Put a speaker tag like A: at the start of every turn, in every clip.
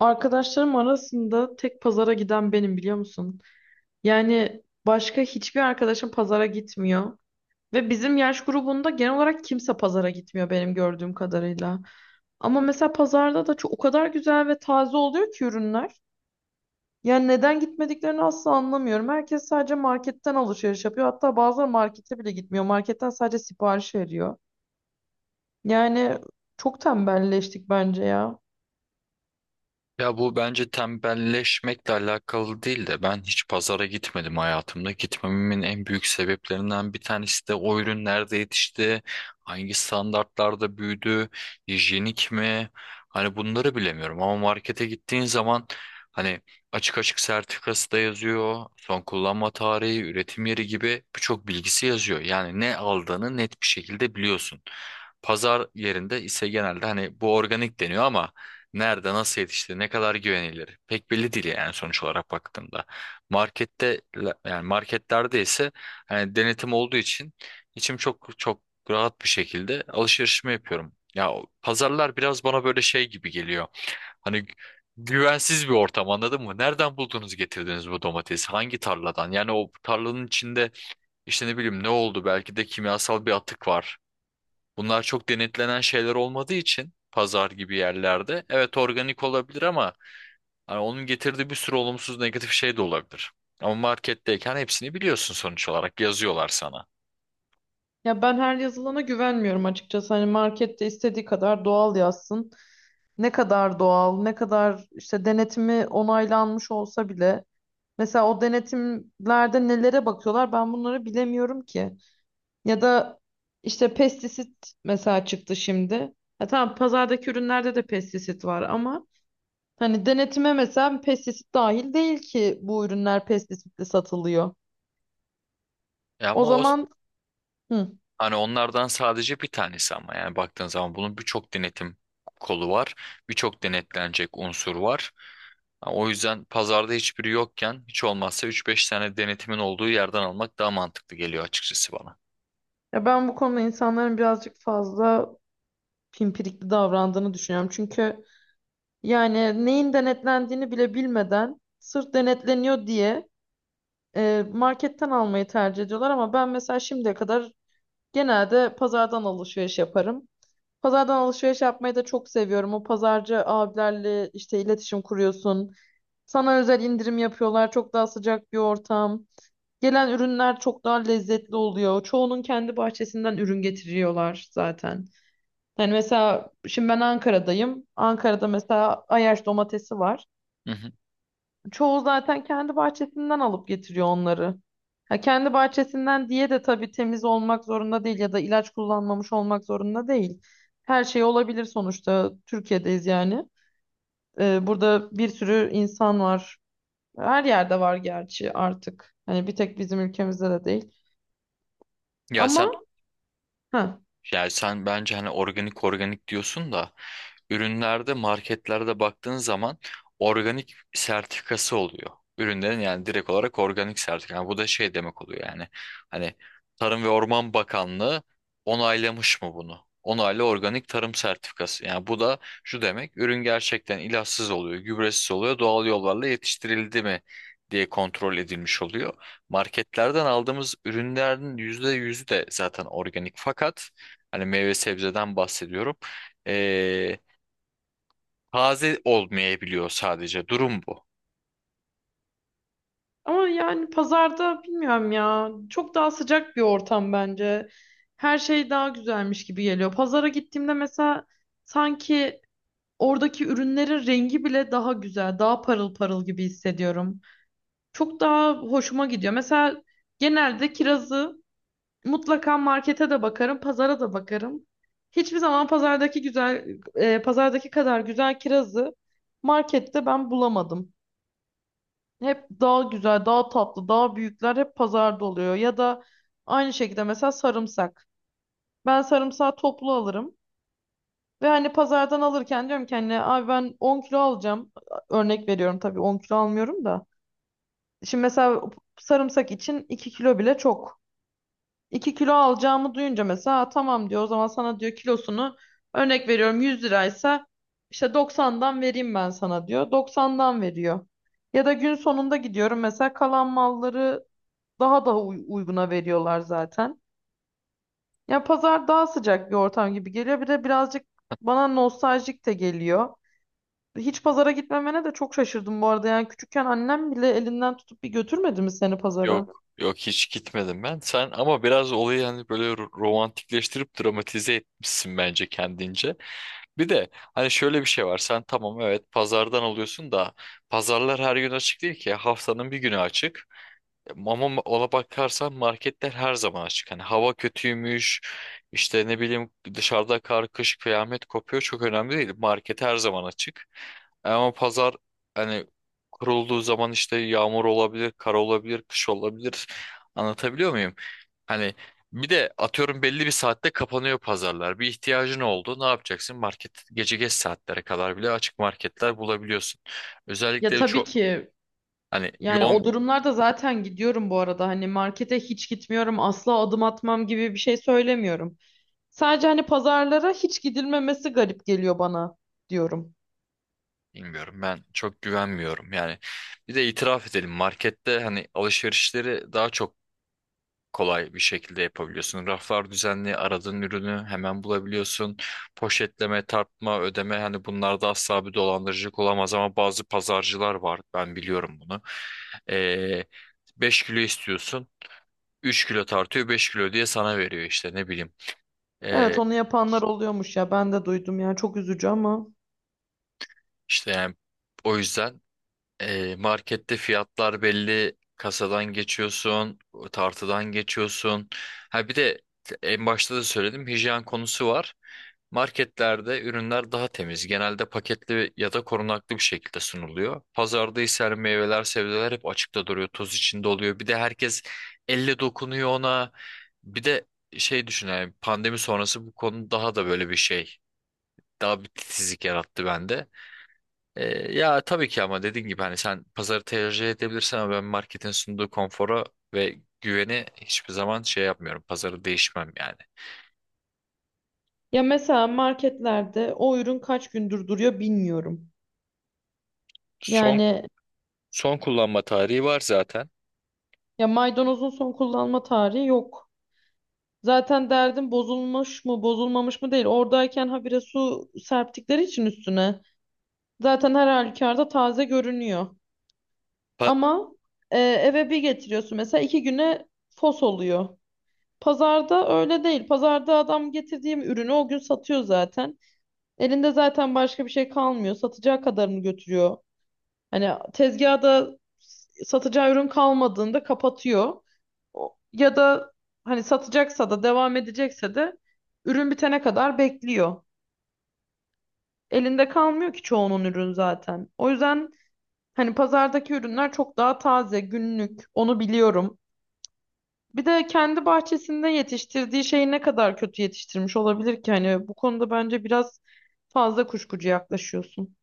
A: Arkadaşlarım arasında tek pazara giden benim, biliyor musun? Yani başka hiçbir arkadaşım pazara gitmiyor. Ve bizim yaş grubunda genel olarak kimse pazara gitmiyor benim gördüğüm kadarıyla. Ama mesela pazarda da çok, o kadar güzel ve taze oluyor ki ürünler. Yani neden gitmediklerini asla anlamıyorum. Herkes sadece marketten alışveriş yapıyor. Hatta bazıları markete bile gitmiyor. Marketten sadece sipariş veriyor. Yani Çok tembelleştik bence ya.
B: Ya bu bence tembelleşmekle alakalı değil de ben hiç pazara gitmedim hayatımda. Gitmememin en büyük sebeplerinden bir tanesi de o ürün nerede yetişti, hangi standartlarda büyüdü, hijyenik mi? Hani bunları bilemiyorum ama markete gittiğin zaman hani açık açık sertifikası da yazıyor, son kullanma tarihi, üretim yeri gibi birçok bilgisi yazıyor. Yani ne aldığını net bir şekilde biliyorsun. Pazar yerinde ise genelde hani bu organik deniyor ama nerede, nasıl yetişti, ne kadar güvenilir? Pek belli değil yani sonuç olarak baktığımda. Markette yani marketlerde ise hani denetim olduğu için içim çok rahat bir şekilde alışverişimi yapıyorum. Ya o pazarlar biraz bana böyle şey gibi geliyor. Hani güvensiz bir ortam, anladın mı? Nereden buldunuz, getirdiniz bu domatesi? Hangi tarladan? Yani o tarlanın içinde işte ne bileyim ne oldu? Belki de kimyasal bir atık var. Bunlar çok denetlenen şeyler olmadığı için pazar gibi yerlerde evet organik olabilir ama hani onun getirdiği bir sürü olumsuz negatif şey de olabilir. Ama marketteyken hepsini biliyorsun sonuç olarak, yazıyorlar sana.
A: Ya ben her yazılana güvenmiyorum açıkçası. Hani markette istediği kadar doğal yazsın. Ne kadar doğal, ne kadar işte denetimi onaylanmış olsa bile. Mesela o denetimlerde nelere bakıyorlar ben bunları bilemiyorum ki. Ya da işte pestisit mesela çıktı şimdi. Ya tamam, pazardaki ürünlerde de pestisit var ama hani denetime mesela pestisit dahil değil ki, bu ürünler pestisitli satılıyor.
B: E
A: O
B: ama o
A: zaman hı.
B: hani onlardan sadece bir tanesi, ama yani baktığın zaman bunun birçok denetim kolu var. Birçok denetlenecek unsur var. Ha, o yüzden pazarda hiçbiri yokken hiç olmazsa üç beş tane denetimin olduğu yerden almak daha mantıklı geliyor açıkçası bana.
A: Ya ben bu konuda insanların birazcık fazla pimpirikli davrandığını düşünüyorum. Çünkü yani neyin denetlendiğini bile bilmeden sırf denetleniyor diye marketten almayı tercih ediyorlar. Ama ben mesela şimdiye kadar genelde pazardan alışveriş yaparım. Pazardan alışveriş yapmayı da çok seviyorum. O pazarcı abilerle işte iletişim kuruyorsun. Sana özel indirim yapıyorlar. Çok daha sıcak bir ortam. Gelen ürünler çok daha lezzetli oluyor. Çoğunun kendi bahçesinden ürün getiriyorlar zaten. Yani mesela şimdi ben Ankara'dayım. Ankara'da mesela Ayaş domatesi var.
B: Hı hı.
A: Çoğu zaten kendi bahçesinden alıp getiriyor onları. Ha, kendi bahçesinden diye de tabii temiz olmak zorunda değil ya da ilaç kullanmamış olmak zorunda değil. Her şey olabilir sonuçta. Türkiye'deyiz yani. Burada bir sürü insan var. Her yerde var gerçi artık. Hani bir tek bizim ülkemizde de değil.
B: Ya
A: Ama
B: sen
A: ha
B: Yani sen bence hani organik diyorsun da ürünlerde, marketlerde baktığın zaman organik sertifikası oluyor. Ürünlerin yani direkt olarak organik sertifika. Yani bu da şey demek oluyor yani. Hani Tarım ve Orman Bakanlığı onaylamış mı bunu? Onaylı organik tarım sertifikası. Yani bu da şu demek: ürün gerçekten ilaçsız oluyor, gübresiz oluyor, doğal yollarla yetiştirildi mi diye kontrol edilmiş oluyor. Marketlerden aldığımız ürünlerin %100'ü de zaten organik, fakat hani meyve sebzeden bahsediyorum. Ee, Taze olmayabiliyor sadece. Durum bu.
A: Ama yani pazarda bilmiyorum ya. Çok daha sıcak bir ortam bence. Her şey daha güzelmiş gibi geliyor. Pazara gittiğimde mesela sanki oradaki ürünlerin rengi bile daha güzel, daha parıl parıl gibi hissediyorum. Çok daha hoşuma gidiyor. Mesela genelde kirazı mutlaka markete de bakarım, pazara da bakarım. Hiçbir zaman pazardaki güzel, pazardaki kadar güzel kirazı markette ben bulamadım. Hep daha güzel, daha tatlı, daha büyükler hep pazarda oluyor. Ya da aynı şekilde mesela sarımsak. Ben sarımsağı toplu alırım. Ve hani pazardan alırken diyorum ki hani abi ben 10 kilo alacağım. Örnek veriyorum tabii, 10 kilo almıyorum da. Şimdi mesela sarımsak için 2 kilo bile çok. 2 kilo alacağımı duyunca mesela "Aa, tamam" diyor, "o zaman sana" diyor "kilosunu", örnek veriyorum, 100 liraysa "işte 90'dan vereyim ben sana" diyor. 90'dan veriyor. Ya da gün sonunda gidiyorum mesela, kalan malları daha da uyguna veriyorlar zaten. Ya pazar daha sıcak bir ortam gibi geliyor. Bir de birazcık bana nostaljik de geliyor. Hiç pazara gitmemene de çok şaşırdım bu arada. Yani küçükken annem bile elinden tutup bir götürmedi mi seni pazara?
B: Yok. Yok, hiç gitmedim ben. Sen ama biraz olayı hani böyle romantikleştirip dramatize etmişsin bence kendince. Bir de hani şöyle bir şey var. Sen tamam evet pazardan alıyorsun da pazarlar her gün açık değil ki. Haftanın bir günü açık. Ama ona bakarsan marketler her zaman açık. Hani hava kötüymüş, işte ne bileyim dışarıda kar, kış, kıyamet kopuyor, çok önemli değil. Market her zaman açık. Ama pazar hani kurulduğu zaman işte yağmur olabilir, kar olabilir, kış olabilir. Anlatabiliyor muyum? Hani bir de atıyorum belli bir saatte kapanıyor pazarlar. Bir ihtiyacın oldu, ne yapacaksın? Market gece geç saatlere kadar bile açık, marketler bulabiliyorsun.
A: Ya
B: Özellikle
A: tabii
B: çok
A: ki.
B: hani
A: Yani
B: yoğun.
A: o durumlarda zaten gidiyorum bu arada. Hani markete hiç gitmiyorum, asla adım atmam gibi bir şey söylemiyorum. Sadece hani pazarlara hiç gidilmemesi garip geliyor bana diyorum.
B: Bilmiyorum, ben çok güvenmiyorum yani. Bir de itiraf edelim, markette hani alışverişleri daha çok kolay bir şekilde yapabiliyorsun. Raflar düzenli, aradığın ürünü hemen bulabiliyorsun. Poşetleme, tartma, ödeme, hani bunlarda asla bir dolandırıcılık olamaz ama bazı pazarcılar var, ben biliyorum bunu. Ee, 5 kilo istiyorsun, 3 kilo tartıyor, 5 kilo diye sana veriyor, işte ne bileyim.
A: Evet,
B: Ee,
A: onu yapanlar oluyormuş ya, ben de duydum ya, çok üzücü ama.
B: işte yani o yüzden, e, markette fiyatlar belli, kasadan geçiyorsun, tartıdan geçiyorsun. Ha bir de en başta da söyledim, hijyen konusu var. Marketlerde ürünler daha temiz. Genelde paketli ya da korunaklı bir şekilde sunuluyor. Pazarda ise her meyveler, sebzeler hep açıkta duruyor, toz içinde oluyor. Bir de herkes elle dokunuyor ona. Bir de şey düşün, yani pandemi sonrası bu konu daha da böyle bir şey. Daha bir titizlik yarattı bende. E, Ya tabii ki ama dediğin gibi hani sen pazarı tercih edebilirsin ama ben marketin sunduğu konfora ve güveni hiçbir zaman şey yapmıyorum. Pazarı değişmem yani.
A: Ya mesela marketlerde o ürün kaç gündür duruyor bilmiyorum.
B: Son
A: Yani
B: son kullanma tarihi var zaten.
A: Ya maydanozun son kullanma tarihi yok. Zaten derdim bozulmuş mu bozulmamış mı değil. Oradayken habire su serptikleri için üstüne. Zaten her halükarda taze görünüyor.
B: Pa-
A: Ama eve bir getiriyorsun mesela, iki güne fos oluyor. Pazarda öyle değil. Pazarda adam getirdiğim ürünü o gün satıyor zaten. Elinde zaten başka bir şey kalmıyor. Satacağı kadarını götürüyor. Hani tezgahda satacağı ürün kalmadığında kapatıyor. Ya da hani satacaksa da, devam edecekse de ürün bitene kadar bekliyor. Elinde kalmıyor ki çoğunun ürün zaten. O yüzden hani pazardaki ürünler çok daha taze, günlük. Onu biliyorum. Bir de kendi bahçesinde yetiştirdiği şeyi ne kadar kötü yetiştirmiş olabilir ki? Hani bu konuda bence biraz fazla kuşkucu yaklaşıyorsun.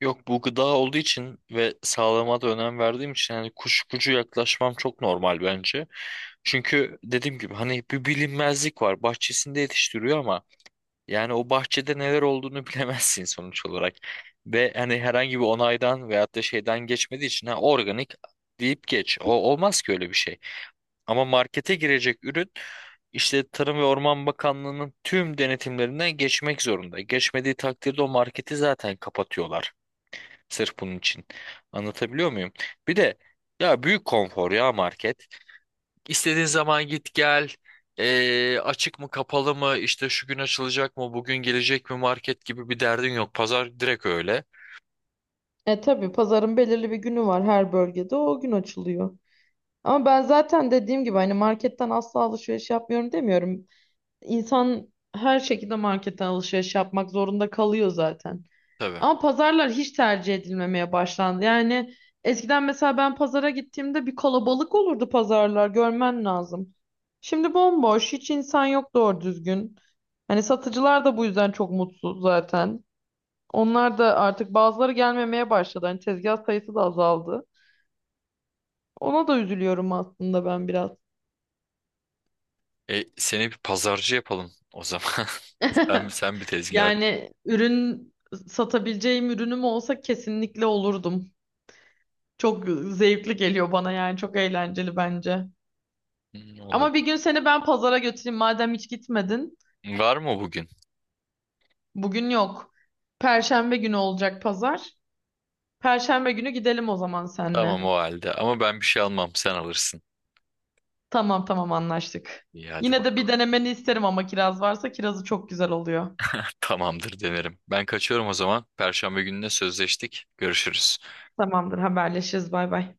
B: Yok, bu gıda olduğu için ve sağlığıma da önem verdiğim için hani kuşkucu yaklaşmam çok normal bence. Çünkü dediğim gibi hani bir bilinmezlik var. Bahçesinde yetiştiriyor ama yani o bahçede neler olduğunu bilemezsin sonuç olarak. Ve hani herhangi bir onaydan veyahut da şeyden geçmediği için, ha, organik deyip geç. O olmaz ki öyle bir şey. Ama markete girecek ürün işte Tarım ve Orman Bakanlığı'nın tüm denetimlerinden geçmek zorunda. Geçmediği takdirde o marketi zaten kapatıyorlar. Sırf bunun için. Anlatabiliyor muyum? Bir de ya büyük konfor ya market. İstediğin zaman git gel. Açık mı kapalı mı, işte şu gün açılacak mı, bugün gelecek mi, market gibi bir derdin yok. Pazar direkt öyle.
A: E tabii, pazarın belirli bir günü var her bölgede. O gün açılıyor. Ama ben zaten dediğim gibi hani marketten asla alışveriş yapmıyorum demiyorum. İnsan her şekilde marketten alışveriş yapmak zorunda kalıyor zaten.
B: Tabii.
A: Ama pazarlar hiç tercih edilmemeye başlandı. Yani eskiden mesela ben pazara gittiğimde bir kalabalık olurdu, pazarlar görmen lazım. Şimdi bomboş, hiç insan yok doğru düzgün. Hani satıcılar da bu yüzden çok mutsuz zaten. Onlar da artık, bazıları gelmemeye başladı. Hani tezgah sayısı da azaldı. Ona da üzülüyorum aslında ben biraz.
B: E, seni bir pazarcı yapalım o zaman. Sen, sen bir tezgah aç.
A: Yani ürün satabileceğim ürünüm olsa kesinlikle olurdum. Çok zevkli geliyor bana, yani çok eğlenceli bence.
B: Hmm,
A: Ama bir
B: olabilir.
A: gün seni ben pazara götüreyim madem hiç gitmedin.
B: Var mı bugün?
A: Bugün yok. Perşembe günü olacak pazar. Perşembe günü gidelim o zaman seninle.
B: Tamam o halde. Ama ben bir şey almam. Sen alırsın.
A: Tamam tamam, anlaştık.
B: İyi, hadi
A: Yine de bir
B: bakalım.
A: denemeni isterim ama, kiraz varsa kirazı çok güzel oluyor.
B: Tamamdır, denerim. Ben kaçıyorum o zaman. Perşembe gününe sözleştik. Görüşürüz.
A: Tamamdır, haberleşiriz, bay bay.